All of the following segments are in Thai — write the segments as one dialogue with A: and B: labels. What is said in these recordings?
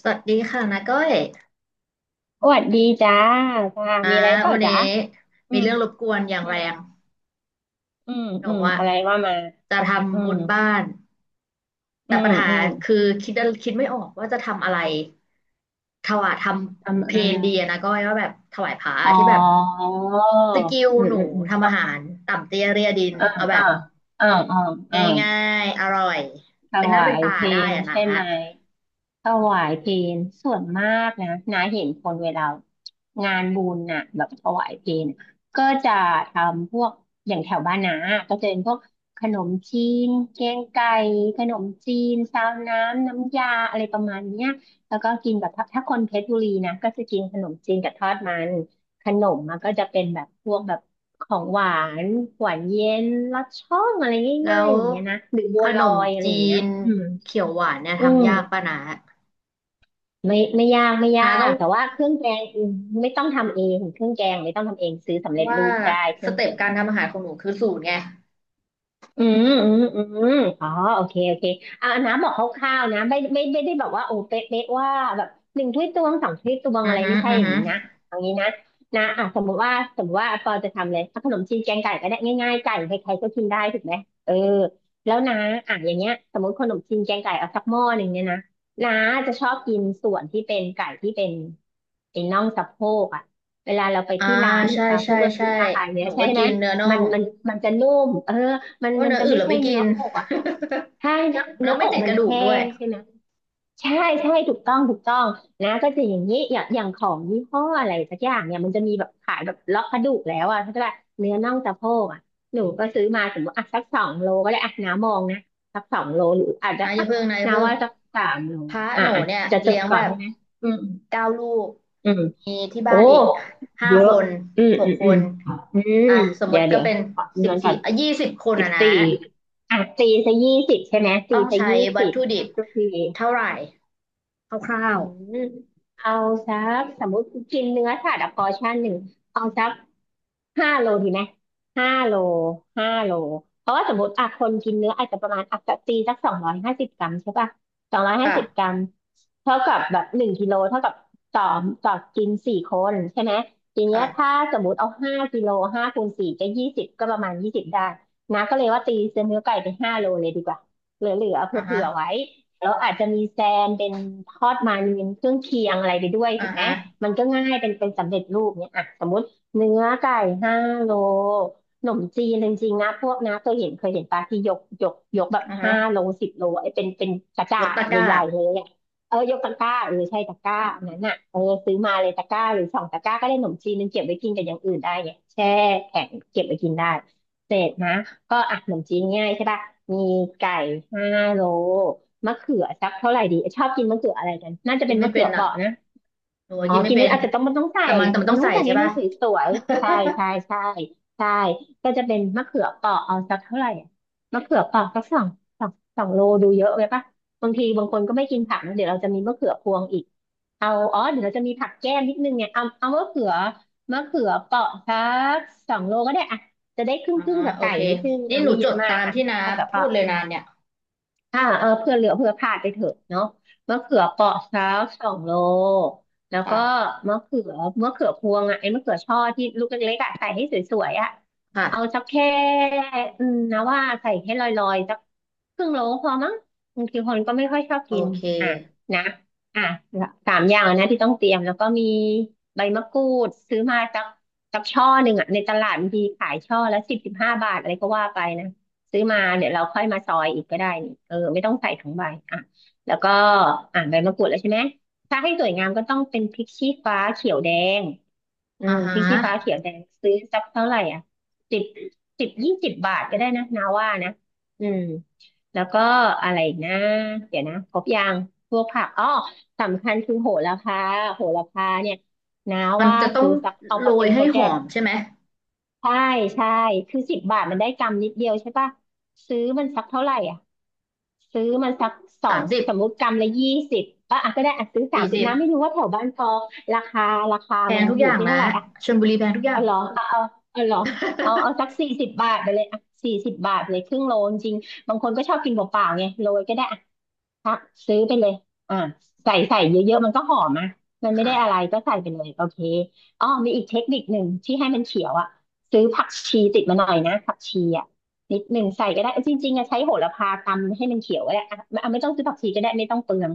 A: สวัสดีค่ะนาก้อย
B: สวัสดีจ้าจ้า
A: นะ
B: มีอะไรเปล่า
A: วัน
B: จ้า
A: นี้
B: อื
A: มี
B: ม
A: เรื่องรบกวนอย่าง
B: อื
A: แร
B: ม
A: ง
B: อืม
A: หนู
B: อืม
A: อะ
B: อะไรว่ามา
A: จะ
B: อื
A: ทำบุ
B: ม
A: ญบ้าน
B: อื
A: แต่ปั
B: ม
A: ญหา
B: อืม
A: คือคิดคิดไม่ออกว่าจะทำอะไรถวายทำ
B: ทำ
A: เพ
B: เอ
A: ลนดี
B: ง
A: อะนะก้อยว่าแบบถวายพระ
B: อ๋อ
A: ที่แบบ
B: อืม
A: สกิลห
B: อื
A: นู
B: มอืม
A: ทำอาหารต่ำเตี้ยเรียดิน
B: อ
A: เอาแบ
B: อ่า
A: บ
B: อ่าอ่าอ่า
A: ง่ายๆอร่อย
B: ถ
A: เป็นหน้า
B: วา
A: เป็น
B: ย
A: ตา
B: เพ
A: ได้
B: ล
A: อะนะ
B: ใช่ไหมถวายเพลส่วนมากนะนาเห็นคนเวลางานบุญน่ะแบบถวายเพลก็จะทำพวกอย่างแถวบ้านนาก็จะเป็นพวกขนมจีนแกงไก่ขนมจีนซาวน้ำน้ำยาอะไรประมาณเนี้ยแล้วก็กินกับถ้าคนเพชรบุรีนะก็จะกินขนมจีนกับทอดมัน ขนมมันก็จะเป็นแบบพวกแบบของหวานหวานเย็นลัดช่องอะไร
A: แล้
B: ง่าย
A: ว
B: ๆอย่างเงี้ยนะหรือ
A: ข
B: บัวล
A: น
B: อ
A: ม
B: ยอะไร
A: จี
B: อย่างเงี้ย
A: น
B: อืม
A: เขียวหวานเนี่ย
B: อืม
A: ทำยากป่ะนะ
B: ไม่ยากไม่ยา
A: นะต้อ
B: ก
A: ง
B: แต่ว่าเครื่องแกงอืมไม่ต้องทำเองเครื่องแกงไม่ต้องทำเองซื้อ
A: เพ
B: สำเร็
A: ราะ
B: จ
A: ว่า
B: รูปได้เค
A: ส
B: รื่อง
A: เต็
B: แก
A: ปกา
B: ง
A: รทำอาหารของหนูคือสูตรไง
B: อืมอืมอืมอ๋อโอเค โอเคอ่าน้ำบอกคร่าวๆนะไม่ได้บอกว่าโอ้เป๊ะเป๊ะว่าแบบหนึ่งถ้วยตวงสองถ้วยตวง
A: อื
B: อะ
A: อ
B: ไร
A: ฮึ
B: ไม่ใช่
A: อือ
B: อย่าง
A: ฮึ
B: นี้นะเอางี้นะนะอ่ะสมมติว่าปอจะทำเลยเอาขนมจีนแกงไก่ก็ได้ง่ายๆไก่ใครๆก็กินได้ถูกไหมเออแล้วนะอ่ะอย่างเงี้ยสมมติขนมจีนแกงไก่เอาสักหม้อหนึ่งเนี่ยนะน้าจะชอบกินส่วนที่เป็นไก่ที่เป็นน่องสะโพกอ่ะเวลาเราไป
A: อ่า
B: ที่ร้านเห็
A: ใช่
B: นป่ะพ
A: ใช่
B: วกร้า
A: ใช่
B: นอาหาร
A: ห
B: เนี้
A: นู
B: ยใช่
A: ก็
B: ไหม
A: กินเนื้อน่อ
B: มัน
A: ง
B: มันมันจะนุ่มเออ มั
A: เพ
B: น
A: ราะว่า
B: มัน
A: เนื้อ
B: จะ
A: อื่น
B: ไม่
A: เรา
B: ใช่
A: ไม่กิ
B: เนื้อ
A: น
B: อกอ่ะถ้าเนื้อ
A: เรา
B: เนื้
A: ไม่
B: ออก
A: ติด
B: มั
A: ก
B: น
A: ระดูก
B: แห้
A: ด้วย
B: งใช่ไหมใช่ใช่ถูกต้องถูกต้องนะก็จะอย่างนี้อย่างของยี่ห้ออะไรสักอย่างเนี่ยมันจะมีแบบขายแบบเลาะกระดูกแล้วอ่ะถ้าจะแบบเนื้อน่องสะโพกอ่ะหนูก็ซื้อมาสมมติอ่ะสักสองโลก็ได้อ่ะน้ามองนะสักสองโลหรืออาจจะ
A: นะอ
B: อ่ะ
A: ย่าเพิ่งนะอย่า
B: น้า
A: เพิ่ง
B: ว่าสักสามโล
A: พระ
B: อ่ะ
A: หนู
B: อ่ะ
A: เนี่ย
B: จะจ
A: เลี้
B: บ
A: ยง
B: ก่อ
A: แบ
B: น
A: บ
B: ใช่ไหมอืม
A: 9 ลูก
B: อืม
A: มีที่
B: โอ้
A: บ้านอีกห้า
B: เย
A: ค
B: อะ
A: น
B: อืม
A: ห
B: อื
A: ก
B: ม
A: ค
B: อืม
A: น
B: อืม
A: อ่ะสมม
B: เดี๋ยว
A: ติก็
B: เดี๋ยว
A: เป็น
B: ขอดู
A: สิบ
B: นั้นก่
A: สี่
B: อน
A: อ่ะ20 คน
B: สิบ
A: อ่ะนะ
B: สี่อ่ะตีซะ20ใช่ไหมตี
A: ต้อง
B: ซะ
A: ใช้
B: ยี่
A: วั
B: สิ
A: ต
B: บ
A: ถุดิบ
B: ทุกที
A: เท่าไหร่คร่า
B: อื
A: ว
B: มเอาสักสมมติกินเนื้อสัตว์อะพอชั่นหนึ่งเอาสักห้าโลดีไหมห้าโลห้าโลเพราะว่าสมมติอ่ะคนกินเนื้ออาจจะประมาณอ่ะตีสักสองร้อยห้าสิบกรัมใช่ป่ะสองร้อย
A: ๆ
B: ห้า
A: ค่ะ
B: สิบกรัมเท่ากับแบบ1 กิโลเท่ากับต่อต่อกิน4 คนใช่ไหมทีเนี้ยถ้า
A: ค่ะ
B: สมมติเอา5 กิโล5 คูณ 4ก็ยี่สิบก็ประมามาณยี่สิบได้นะก็เลยว่าตีเนื้อไก่ไปห้าโลเลยดีกว่าเหลือๆเอาเผ
A: อ่าฮะ
B: ื่อๆไว้ แล้วอาจจะมีแซมเป็นทอดมันเป็นเครื่องเคียงอะไรไปด้วย
A: อ่า
B: ถูกไหม
A: ฮะ
B: มันก็ง่ายเป็นสำเร็จรูปเนี่ยอ่ะสมมติเนื้อไก่ห้าโลขนมจีนจริงๆนะพวกนะเคยเห็นเคยเห็นปลาที่ยกแบบ
A: อือฮะ
B: 5 โล 10 โลไอ้เป็นกระจา
A: ยก
B: ด
A: ตะ
B: อะ
A: กร้า
B: ใหญ่ๆเลยอะเออยกตะกร้าเออใช่ตะกร้าอันนั้นอ่ะเออซื้อมาเลยตะกร้าหรือสองตะกร้าก็ได้ขนมจีนนึงเก็บไว้กินกับอย่างอื่นได้ไงแช่แข็งเก็บไว้กินได้เสร็จนะก็อ่ะขนมจีนง่ายใช่ปะมีไก่ห้าโล มะเขือสักเท่าไหร่ดีชอบกินมะเขืออะไรกันน่าจะ
A: กิ
B: เป็
A: น
B: น
A: ไม่
B: มะเขื
A: เป็น
B: อเป
A: อ่ะ
B: ราะนะ
A: หนูว่า
B: อ๋อ
A: กินไม่
B: กิน
A: เป็
B: ไม่
A: น
B: อาจจะต้องมันต้องใส่
A: แต่มัน
B: มั
A: ต้
B: น
A: อง
B: ต้อ
A: ใส่
B: งใส่
A: ใช่
B: ให้มั
A: ป่ะ
B: นสวยๆใช่ใช่ใช่ใช่ก็จะเป็นมะเขือเปราะเอาสักเท่าไหร่อะมะเขือเปราะสักสองสองโลดูเยอะไปปะบางทีบางคนก็ไม่กินผักนะเดี๋ยวเราจะมีมะเขือพวงอีกเอาอ๋อเดี๋ยวเราจะมีผักแก้มนิดนึงเนี่ยเอามะเขือเปราะสักสองโลก็ได้อะจะได้คร
A: อ่า
B: ึ่งๆกับ
A: โอ
B: ไก่
A: เค
B: นิดนึง
A: นี่
B: อ่ะ
A: หนู
B: ไม่เย
A: จ
B: อะ
A: ด
B: มา
A: ตา
B: ก
A: ม
B: อ่ะ
A: ที่น้า
B: เอากับเป
A: พู
B: ราะ
A: ดเลยนานเนี่ย
B: อ่าเออเพื่อเหลือเพื่อพลาดไปเถอะเนาะมะเขือเปราะสักสองโลแล้วก็
A: ค่ะ
B: มะเขือมะเขือพวงอ่ะไอ้มะเขือช่อที่ลูกเล็กๆอ่ะใส่ให้สวยๆอ่ะเอา
A: ค่ะ
B: สักแค่อืมนะว่าใส่ให้ลอยๆสักครึ่งโลพอมั้งบางทีคนก็ไม่ค่อยชอบ
A: โอ
B: กิน
A: เค
B: อ่ะนะอ่ะสามอย่างนะที่ต้องเตรียมแล้วก็มีใบมะกรูดซื้อมาสักช่อหนึ่งอ่ะในตลาดบางทีขายช่อละสิบ15 บาทอะไรก็ว่าไปนะ ซื้อมาเดี๋ยวเราค่อยมาซอยอีกก็ได้นี่เออไม่ต้องใส่ทั้งใบอ่ะแล้วก็อ่ะใบมะกรูดแล้วใช่ไหมถ้าให้สวยงามก็ต้องเป็นพริกชี้ฟ้าเขียวแดงอื
A: อ่า
B: ม
A: ฮะ
B: พริกชี้ฟ้าเขียวแดงซื้อสักเท่าไหร่อ่ะ10 10 20 บาทก็ได้นะนาว่านะอืมแล้วก็อะไรอีกนะเดี๋ยวนะครบยังพวกผักอ๋อสำคัญคือโหระพาโหระพาเนี่ยนะ
A: มัน
B: ว่า
A: จะต้อ
B: ซื้
A: ง
B: อสักเอา
A: โร
B: มาเป็
A: ย
B: นโป
A: ให้
B: รแก
A: ห
B: ร
A: อ
B: ม
A: มใช่ไหม
B: ใช่ใช่คือสิบบาทมันได้กำนิดเดียวใช่ปะซื้อมันสักเท่าไหร่อ่ะซื้อมันสักสอ
A: สา
B: ง
A: มสิบ
B: สมมุติกำละยี่สิบก็อ่ะก็ได้อ่ะซื้อสาม
A: สี่
B: สิบ
A: สิบ
B: นะไม่รู้ว่าแถวบ้านพอราคาราคา
A: แพ
B: มั
A: ง
B: น
A: ทุก
B: อ
A: อ
B: ยู่
A: ย่าง
B: ที่เท่า
A: นะ
B: ไหร่อ่ะ
A: ชลบุรีแพงทุกอย่า
B: เอา
A: ง
B: เหรอเอาเอาเอาเหรอเอาเอาสักสี่สิบบาทไปเลยอ่ะสี่สิบบาทเลยครึ่งโลจริงๆบางคนก็ชอบกินเปล่าๆไงโรยก็ได้ ซักซื้อไปเลยอ่าใส่ใส่เยอะๆมันก็หอมอ่ะมัน ไม่
A: ค่ะ
B: ได้อะไรก็ใส่ไปเลยโอเคอ๋อมีอีกเทคนิคหนึ่งที่ให้มันเขียวอ่ะซื้อผักชีติดมาหน่อยนะผักชีอ่ะนิดหนึ่งใส่ก็ได้จริงๆอะใช้โหระพาตำให้มันเขียวก็ได้อ่ะอ่ะไม่ต้องซื้อผักชีก็ได้ไม่ต้องเปลือง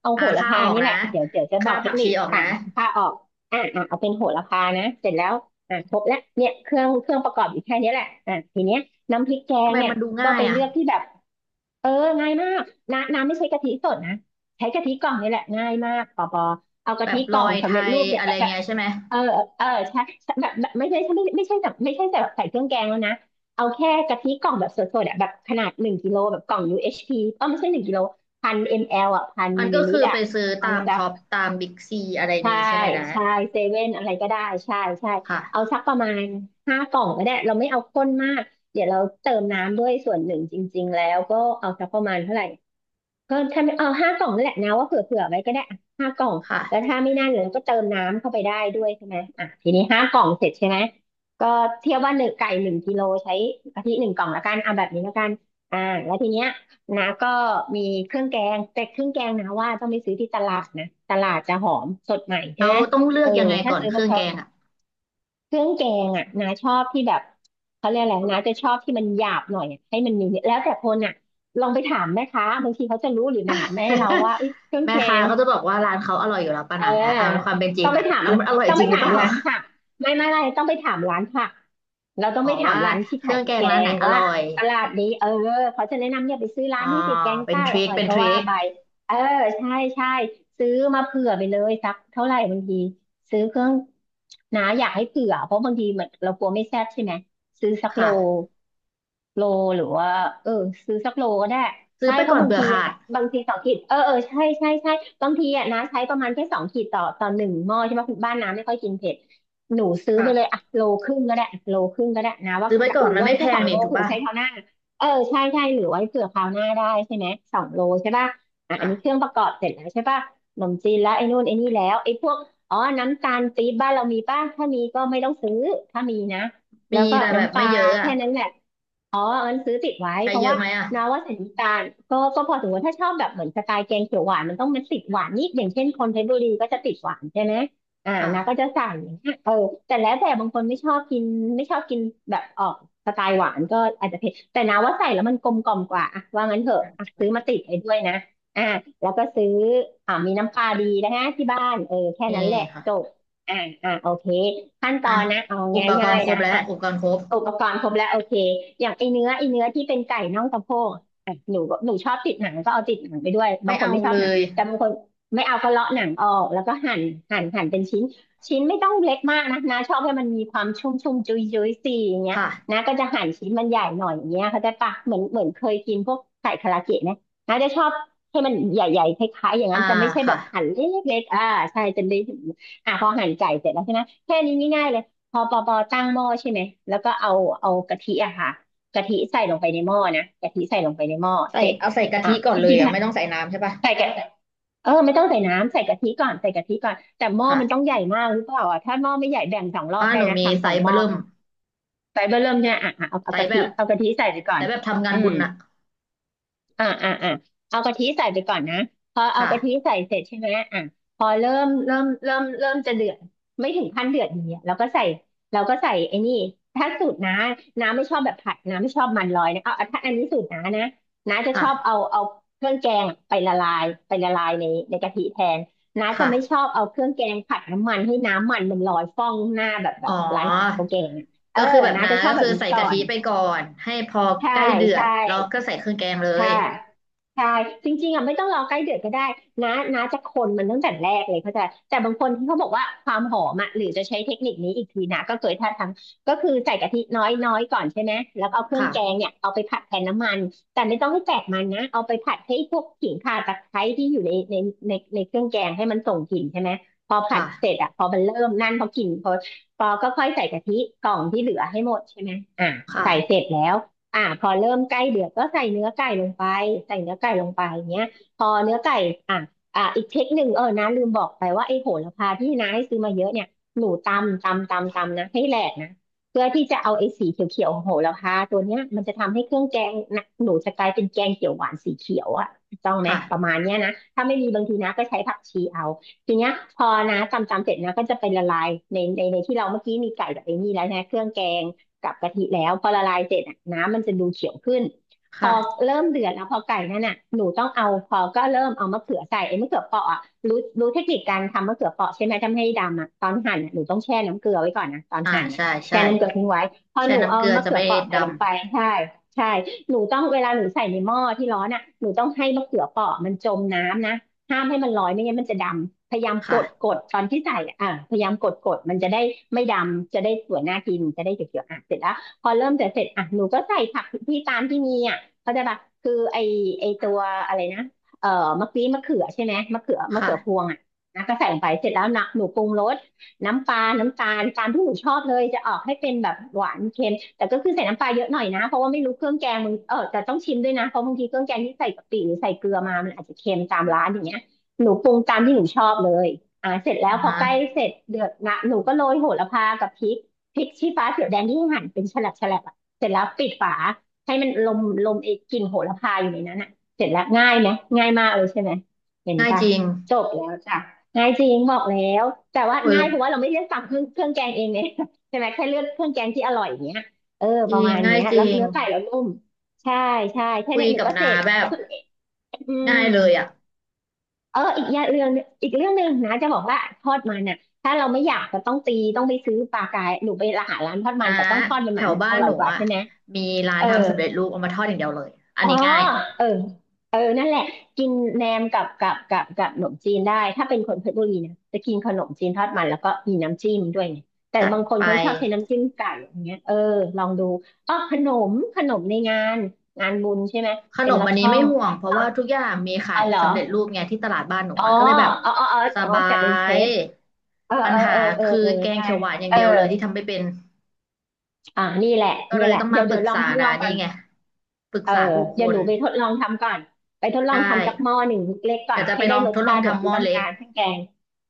B: เอา
A: อ่า
B: โหระ
A: ค่า
B: พา
A: ออก
B: นี่แห
A: นะ
B: ละเดี๋ยวจะบอ
A: ค่า
B: กเท
A: ผั
B: ค
A: ก
B: นิ
A: ชี
B: ค
A: ออก
B: อ่ะ
A: นะ
B: ผ้าออกอ่ะอ่ะเอาเป็นโหระพานะเสร็จแล้วอ่ะครบแล้วเนี่ยเครื่องประกอบอยู่แค่นี้แหละอ่ะทีเนี้ยน้ำพริกแก
A: ทำ
B: ง
A: ไม
B: เนี่ย
A: มันดู
B: ก็
A: ง่าย
B: ไป
A: อ่ะ
B: เลือกที่แบบ เออง่ายมากน้ำไม่ใช้กะทิสดนะ ใช้กะทิกล่องนี่แหละง่ายมากปอปอเอา
A: แบ
B: กะทิ
A: บล
B: กล่
A: อ
B: อง
A: ยไท
B: สำเร็จ
A: ย
B: รูปเนี่ย
A: อะไร
B: แบบแบบ
A: เงี้ยใช่ไหม
B: เออเออใช่แบบแบบไม่ใช่ไม่ใช่แบบไม่ใช่แบบใส่เครื่องแกงแล้วนะเอาแค่กะทิกล่องแบบสดๆอ่ะแบบขนาดหนึ่งกิโลแบบกล่อง UHT เอชพีเออไม่ใช่หนึ่งกิโล1000 มลอ่ะพัน
A: มั
B: มิ
A: น
B: ลลิ
A: ก็
B: ลิ
A: คื
B: ตร
A: อ
B: อ่ะ
A: ไปซื้อ
B: เอา
A: ตาม
B: สั
A: ท็
B: ก
A: อปตามบิ๊กซีอะไร
B: ใช่
A: มีใช่ไหมนะ
B: ใช่เซเว่นอะไรก็ได้ใช่ใช่
A: ค่ะ
B: เอาสักประมาณห้ากล่องก็ได้ เราไม่เอาข้นมาก เดี๋ยวเราเติมน้ำด้วยส่วนหนึ่งจริงๆแล้วก็เอาสักประมาณเท่าไหร่ ก็ถ้าไม่เอา5 กล่องนั่นแหละนะว่าเผื่อเผื่อไว้ก็ได้อ่ะห้ากล่อง
A: ค่ะ
B: แล้วถ้าไม่นั่นเราก็เติมน้ำเข้าไปได้ด้วยใช่ไหมอ่ะทีนี้ห้ากล่องเสร็จใช่ไหมก็เทียบว่าหนึ่งไก่หนึ่งกิโลใช้กะทิ1 กล่องละกันเอาแบบนี้ละกันอ่าแล้วทีเนี้ยนะก็มีเครื่องแกงแต่เครื่องแกงนะว่าต้องไปซื้อที่ตลาดนะตลาดจะหอมสดใหม่ใช่
A: เรา
B: ไหม
A: ต้องเลื
B: เอ
A: อก
B: อ
A: ยังไง
B: ถ้า
A: ก่อน
B: ซื้อ
A: เค
B: พว
A: รื่องแก
B: ก
A: งอ่ะ
B: เครื่องแกงอ่ะนาชอบที่แบบเขาเรียกอะไรนาจะชอบที่มันหยาบหน่อยอะให้มันมีเนี่ยแล้วแต่คนอ่ะลองไปถามแม่ค้าบางทีเขาจะรู้หรือถามแม่เราว่าเอ้ยเครื่อ ง
A: แม่
B: แก
A: ค้า
B: ง
A: ก็จะบอกว่าร้านเขาอร่อยอยู่แล้วป่ะ
B: เออ
A: นะเอาความเป็นจริ
B: ต้อ
A: ง
B: งไป
A: อ่ะ
B: ถาม
A: เอามันอร่อย
B: ต้อง
A: จ
B: ไป
A: ริงหรือ
B: ถา
A: เป
B: ม
A: ล่า
B: ร้านผักไม่ต้องไปถามร้านผักเราต้อง
A: อ๋อ
B: ไปถาม
A: ว่า
B: ร้านที่
A: เครื่
B: ขาย
A: อง
B: พริ
A: แก
B: ก
A: ง
B: แก
A: ร้านไหน
B: ง
A: อ
B: ว่า
A: ร่อย
B: ตลาดนี้เออเขาจะแนะนำเนี่ยไปซื้อร้า
A: อ๋อ
B: นที่ติดแกง
A: เป็น
B: ใต้
A: ท
B: อ
A: ริค
B: ร่อย
A: เป็น
B: ก็
A: ทริ
B: ว่า
A: ค
B: ไปเออ ใช่ใช่ซื้อมาเผื่อไปเลยสักเท่าไหร่บางทีซื้อเครื่องนะอยากให้เผื่อเพราะบางทีมันเรากลัวไม่แซ่บใช่ไหมซื้อสักโล
A: ค่ะ
B: โลหรือว่าเออซื้อสักโลก็ได้
A: ซื้อ
B: ใช่
A: ไป
B: เพ
A: ก่อ
B: ราะ
A: น
B: บาง
A: เผื่อ
B: ที
A: ขาด
B: บางที2 ขีดเออเออใช่ใช่ใช่บางทีอ่ะนะใช้ประมาณแค่สองขีดต่อ1 หม้อใช่ไหมคุณบ้านน้ำไม่ค่อยกินเผ็ดหนูซื้อไปเลย
A: ค่ะ
B: อ่ะโลครึ่งก็ได้อ่ะโลครึ่งก็ได้นะว่า
A: ซื้อไป
B: จะ
A: ก่อ
B: ห
A: น
B: รือ
A: มัน
B: ไว้
A: ไม่แพ
B: แค่ส
A: ง
B: อง
A: นี่
B: โล
A: ถูก
B: เผื่อ
A: ป่ะ
B: ใช้คราวหน้าเออใช่ใช่หรือไว้เผื่อคราวหน้าได้ใช่ไหมสองโลใช่ป่ะอ่ะอันนี้เครื่
A: ค่ะ
B: องประกอบเสร็จแล้วใช่ป่ะขนมจีนแล้วไอ้นู่นไอ้นี่แล้วไอ้พวกอ๋อน้ำตาลปี๊บบ้านเรามีป่ะถ้ามีก็ไม่ต้องซื้อถ้ามีนะแล้
A: มี
B: วก็
A: แต่แบบ
B: น้ำป
A: ไม่
B: ลา
A: เยอะอ่ะ
B: แค่นั้นแหละ อ๋อเอิญซื้อติดไว้
A: ใช้
B: เพราะ
A: เยอะ
B: ว่า
A: ไหมอ่ะ
B: นาว่าสถานการณ์ก็พอถือว่าถ้าชอบแบบเหมือนสไตล์แกงเขียวหวานมันต้องมันติดหวานนิดอย่างเช่นคนเพชรบุรีก็จะติดหวานใช่ไหมอ่านาก็
A: ค่ะ
B: จะสั่งอย่างเงี้ยเออแต่แล้วแต่บางคนไม่ชอบกินไม่ชอบกินแบบออกสไตล์หวานก็อาจจะเผ็ดแต่นาว่าใส่แล้วมันกลมกล่อมกว่าอะว่างั้นเถอะอะซื้อมาติดไว้ด้วยนะอ่าแล้วก็ซื้ออ่ามีน้ำปลาดีนะฮะที่บ้านเออแค่
A: นี่
B: นั้นแหละจ
A: ค่ะ
B: บอ่าอ่าโอเคขั้นต
A: อ่ะ
B: อนนะเอา
A: อุปก
B: ง่า
A: ร
B: ย
A: ณ์คร
B: ๆ
A: บ
B: นะ
A: แล้ว
B: อ่ะ
A: อุปกรณ์ครบ
B: อุปกรณ์ครบแล้วโอเคอย่างไอเนื้อที่เป็นไก่น่องสะโพกอ่ะหนูชอบติดหนังก็เอาติดหนังไปด้วยบา
A: ไม่
B: งคน
A: เอา
B: ไม่ชอ
A: เล
B: บหนัง
A: ย
B: แต่บางคนไม่เอาก็เลาะหนังออกแล้วก็หั่นหั่นเป็นชิ้นไม่ต้องเล็กมากนะชอบให้มันมีความชุ่มจุยสีอย่าง
A: ค
B: เงี้ยนะ
A: ่ะ
B: ก็จะหั่นชิ้นมันใหญ่หน่อยอย่างเงี้ยเขาใจปะเหมือนเคยกินพวกไก่คาราเกะนะจะชอบให้มันใหญ่ๆคล้ายๆอย่าง
A: อ่า
B: นั้นจะไม่ใช่แบ
A: ค่ะ
B: บหั่นเล็กๆอ่าใช่จะได้อ่ะพอหั่นไก่เสร็จแล้วใช่ไหมแค่นี้ง่ายๆเลย พอปอตั้งหม้อใช่ไหม แล้วก็เอากะทิอะค่ะกะทิใส่ลงไปในหม้อนะกะทิใส่ลงไปในหม้อ
A: ใส่
B: เสร็จ
A: เอาใส่กะ
B: อ่ะ
A: ทิก่อน
B: จ
A: เลย
B: ริง
A: อ่ะ
B: ๆ่
A: ไม่ต้องใส่น้ำใช่ปะ
B: ใส่กะเออไม่ต้องใส่น้ำใส่กะทิก่อนแต่หม้อมันต้อง
A: ค่ะ
B: ใหญ่มากหรือเปล่าอ่ะถ้าหม้อไม่ใหญ่แบ่งสองรอบ
A: บ้าน
B: ได้
A: หนู
B: นะ
A: มีไซ
B: ทำสอง
A: ส์
B: ห
A: เบ
B: ม้อ
A: ร์ิ่ม
B: เอาไฟเบอร์เริ่มเนี่ยอ่ะอ่ะเอา
A: ไซส์แบบ
B: เอากะทิใส่ไปก่อ
A: ไซ
B: น
A: ส์แบบทำงา
B: อื
A: นบุ
B: ม
A: ญน่ะ
B: อ่าเอากะทิใส่ไปก่อนนะพอเอา
A: ค่ะ
B: กะทิใส่เสร็จใช่ไหมอ่ะพอเริ่มจะเดือดไม่ถึงขั้นเดือดอย่างเงี้ยเราก็ใส่ไอ้นี่ถ้าสูตรน้าไม่ชอบแบบผัดน้าไม่ชอบมันลอยนะเอาถ้าอันนี้สูตรน้านะน้าจะช
A: ค่ะ
B: อบเอาเครื่องแกงไปละลายในในกะทิแทนน้าจะไม่ชอ
A: ค่ะ
B: บเอาเครื่องแกงผัดน้ำมันให้น้ำมันมันลอยฟ่องหน้าแบบ
A: อ๋อ
B: ร้านขายข้าวแกงอะเอ
A: ก็
B: อ
A: คือแบบ
B: น้า
A: นั้
B: จะ
A: น
B: ชอบ
A: ก็
B: แบ
A: คือ
B: บนี้
A: ใส่
B: ก่อ
A: กะทิ
B: น
A: ไปก่อนให้พอใก
B: ใช่
A: ล้เดือด
B: ใช่
A: แล้วก็ใส่เครื่องแกงเลย
B: ค่ะใช่จริงๆอ่ะไม่ต้องรอใกล้เดือดก็ได้นะจะคนมันตั้งแต่แรกเลยเข้าใจแต่บางคนที่เขาบอกว่าความหอมอ่ะหรือจะใช้เทคนิคนี้อีกทีนะก็เคยถ้าทำก็คือใส่กะทิน้อยๆก่อนใช่ไหมแล้วก็เอาเครื่อง
A: ค่ะ
B: แกงเนี่ยเอาไปผัดแทนน้ำมันแต่ไม่ต้องให้แตกมันนะเอาไปผัดให้พวกขิงข่าตะไคร้ที่อยู่ในในเครื่องแกงให้มันส่งกลิ่นใช่ไหมพอผัดเสร็
A: ค่ะ
B: จอ่ะพอมันเริ่มนั่นพอกลิ่นพอก็ค่อยใส่กะทิกล่องที่เหลือให้หมดใช่ไหมอ่ะ
A: ค่ะ
B: ใส่เสร็จแล้ว อ่าพอเริ่มใกล้เดือดก็ใส่เนื้อไก่ลงไปใส่เนื้อไก่ลงไปอย่างเงี้ยพอเนื้อไก่อ่าอีกเทคนิคเออนะลืมบอกไปว่าไอ้โหระพาที่น้าให้ซื้อมาเยอะเนี่ยหนูตำนะให้แหลกนะเพื่อที่จะเอาไอ้สีเขียวๆของโหระพาตัวเนี้ยมันจะทำให้เครื่องแกงนะหนูจะกลายเป็นแกงเขียวหวานสีเขียวอ่ะถูกต้องไหมประมา
A: ค่ะ
B: ณเนี้ยนะถ้าไม่มีบางทีนะก็ใช้ผักชีเอาทีเนี้ยพอนะตำเสร็จนะก็จะไปละลายในที่เราเมื่อกี้มีไก่กับไอ้นี่แล้วนะเครื่องแกง กับกะทิแล้วพอละลายเสร็จอะน้ำมันจะดูเขียวขึ้นพ
A: ค่ะ
B: อเริ่มเดือดแล้วพอไก่นั่นน่ะหนูต้องเอาพอก็เริ่มเอามะเขือใส่ไอ้มะเขือเปราะอ่ะรู้เทคนิคการทำมะเขือเปราะใช่ไหมทำให้ดำอ่ะตอนหั่นอะหนูต้องแช่น้ำเกลือไว้ก่อนนะตอน
A: อ่า
B: หั่นอ่ะ
A: ใช่ใช่
B: แช่น้ำเก
A: ก็
B: ลือทิ้งไว้พอ
A: แช่
B: หนู
A: น้ำ
B: เอา
A: เกลือ
B: มะ
A: จะ
B: เขือ
A: ไม่
B: เปราะใส่
A: ด
B: ลงไปใช่ใช่หนูต้องเวลาหนูใส่ในหม้อที่ร้อนอ่ะหนูต้องให้มะเขือเปราะมันจมน้ำนะห้ามให้มันลอยไม่งั้นมันจะดำ พยายาม
A: ำ
B: กดก
A: ค่ะ
B: ดตอนที่ใส่อ่ะพยายามกดกดมันจะได้ไม่ดำ จะได้สวยน่ากินจะได้เขียวๆอ่ะเสร็จแล้วพอเริ่มจะเสร็จอ่ะหนูก็ใส่ผักที่ตามที่มีอ่ะเขาใจปะคือไอตัวอะไรนะเอ่อมะกรี้มะเขือใช่ไหม มะเขือพว
A: ค่ะ
B: งอ่ะนะก็ใส่ลงไปเสร็จแล้วนะหนูปรุงรสน้ำปลาน้ำตาลตามที่หนูชอบเลยจะออกให้เป็นแบบหวานเค็มแต่ก็คือใส่น้ำปลาเยอะหน่อยนะเพราะว่าไม่รู้เครื่องแกงมึงเออแต่ต้องชิมด้วยนะเพราะบางทีเครื่องแกงที่ใส่กะปิหรือใส่เกลือมามันอาจจะเค็มตามร้านอย่างเงี้ย หนูปรุงตามที่หนูชอบเลยเสร็จแล้ว
A: อ่า
B: พอ
A: ฮะ
B: ใกล้เสร็จเดือดนะหนูก็โรยโหระพากับพริกชี้ฟ้าเขียวแดงที่หั่นเป็นแฉลบแฉลบอ่ะเสร็จแล้วปิดฝาให้มันลมไอ้กลิ่นโหระพาอยู่ในนั้นอ่ะเสร็จแล้วง่ายไหมง่ายมากเลยใช่ไหมเห็น
A: ง่าย
B: ปะ
A: จริง
B: จบแล้วจ้ะง่ายจริงบอกแล้วแต่ว่า
A: เอ
B: ง่ายเพราะ
A: อ
B: ว่าเราไม่ได้สั่งเครื่องแกงเองเนี่ย ใช่ไหมแค่เลือกเครื่องแกงที่อร่อยอย่างเงี้ยเออ
A: จ
B: ประ
A: ริง
B: มาณ
A: ง่า
B: เนี้
A: ย
B: ย
A: จ
B: แล้ว
A: ริง
B: เนื้อไก่เรานุ่มใช่ใช่แค่
A: คุย
B: เนี้ยหนู
A: กับ
B: ก็เส
A: น้า
B: ร็จ
A: แบบ
B: สุดอืม
A: ง่ายเลยอ่ะ
B: เอออีกอย่างเรื่องอีกเรื่องหนึ่งนะจะบอกว่าทอดมันน่ะถ้าเราไม่อยากจะต้องตีต้องไปซื้อปลากายหนูไปร้านหาร้านทอดมัน
A: น้า
B: แต่ต้องทอดมัน
A: แถ
B: ใหม่
A: ว
B: มันจะ
A: บ้า
B: อ
A: น
B: ร่
A: ห
B: อย
A: นู
B: กว่า
A: อ่ะ
B: ใช่ไหม
A: มีร้าน
B: เออ
A: ทำสำเร็จรูปเอามาทอดอย่างเดียวเลยอัน
B: อ๋อ
A: นี้ง่าย
B: เออเออนั่นแหละกินแหนมกับกับขนมจีนได้ถ้าเป็นคนเพชรบุรีนะจะกินขนมจีนทอดมันแล้วก็มีน้ำจิ้มด้วยไงแต่
A: จัด
B: บางคน
A: ไป
B: เขาชอบใช้น้ำจิ้มไก่อย่างเงี้ยเออลองดูอ๋อขนมในงานงานบุญใช่ไหม
A: ขน
B: เป็น
A: ม
B: ลอ
A: อั
B: ด
A: นนี้
B: ช่อ
A: ไม่
B: ง
A: ห่วงเพราะว่าทุกอย่างมีขา
B: อ๋อ
A: ย
B: เหรอ
A: สำเร็จรูปไงที่ตลาดบ้านหนู
B: อ๋อ
A: อ่ะก็เลยแบบ
B: อ๋ออ๋ออ๋อ
A: ส
B: อ๋อ
A: บา
B: จัดเป็นเซ
A: ย
B: ตเออ
A: ปัญ
B: เออ
A: หา
B: เออเออ
A: คือ
B: เออ
A: แกง
B: ได้
A: เขียวหวานอย่าง
B: เออ
A: เดียวเลยที่ทำไม่เป็น
B: อ่านี่แหละ
A: ก็เล
B: นี่
A: ย
B: แหละ
A: ต้องมา
B: เดี๋ยว
A: ป
B: เดี๋
A: รึ
B: ย
A: ก
B: วลอง
A: ษา
B: ทดล
A: นะ
B: องก่
A: นี่
B: อน
A: ไงปรึก
B: เออ
A: ษาทุกค
B: เดี๋ยวห
A: น
B: นูไปทดลองทำก่อน ไปทดลอ
A: ได้
B: งทำจักหม้อหนึ่งเล็กๆก่อ
A: แต่
B: น
A: จะ
B: ให้
A: ไปล
B: ได้
A: อง
B: รส
A: ทดล
B: ชา
A: อง
B: ติแบบ
A: ทำห
B: ที่
A: ม้อ
B: ต้อง
A: เล็ก
B: การทั้งแกง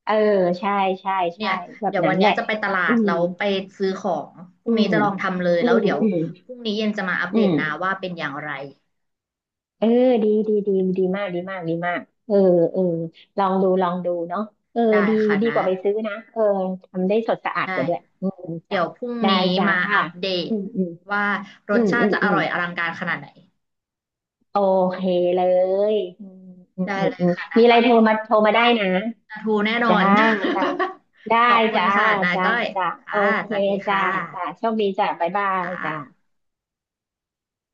B: เออใช่ใช่
A: เนี่
B: ใช่
A: ย
B: แบบ
A: เดี๋ยว
B: นั้
A: วั
B: น
A: น
B: แห
A: เนี้ย
B: ละ
A: จะไปตลา
B: อื
A: ด
B: ม
A: แล้วไปซื้อของพรุ่
B: อื
A: งนี้
B: ม
A: จะลองทำเลย
B: อื
A: แล้ว
B: ม
A: เดี๋ยว
B: อืม
A: พรุ่งนี้เย็นจะมาอัป
B: อื
A: เดตนะ
B: ม
A: ว่าเป็นอย่างไร
B: เออดีดีดีดีมากดีมากดีมากเออเออลองดู ลองดูเนาะเออ
A: ได้
B: ดี
A: ค่ะ
B: ดีก
A: นะ
B: ว่าไปซื้อนะเออทำได้สดสะอาด
A: ได้
B: กว่าด้วยอืม
A: เดี๋
B: จ้ะ
A: ยวพรุ่ง
B: ได้
A: นี้
B: จ้า
A: มาอัปเด
B: อื
A: ต
B: มอืม
A: ว่าร
B: อื
A: ส
B: ม
A: ชา
B: อื
A: ติ
B: ม
A: จะอ
B: อืม
A: ร่อยอลังการขนาดไหน
B: โอเคเลยอืมอืม
A: ได้
B: อืม
A: เลย
B: อืม
A: ค่ะนะ
B: มีอะ
A: ก้
B: ไร
A: อย
B: โทรมา
A: ได้
B: ได้นะ
A: ปลาทูแน่นอ
B: จ้า
A: น
B: จ้าได้
A: ขอบคุณ
B: จ้า
A: ค่ะนา
B: จ้า
A: ก้อย
B: จ้า โอ
A: ค่ะ
B: เค
A: สวัสดี
B: จ้า
A: ค่
B: จ้า
A: ะ
B: โชคดีจ้าบ๊ายบาย
A: ค่ะ
B: จ้า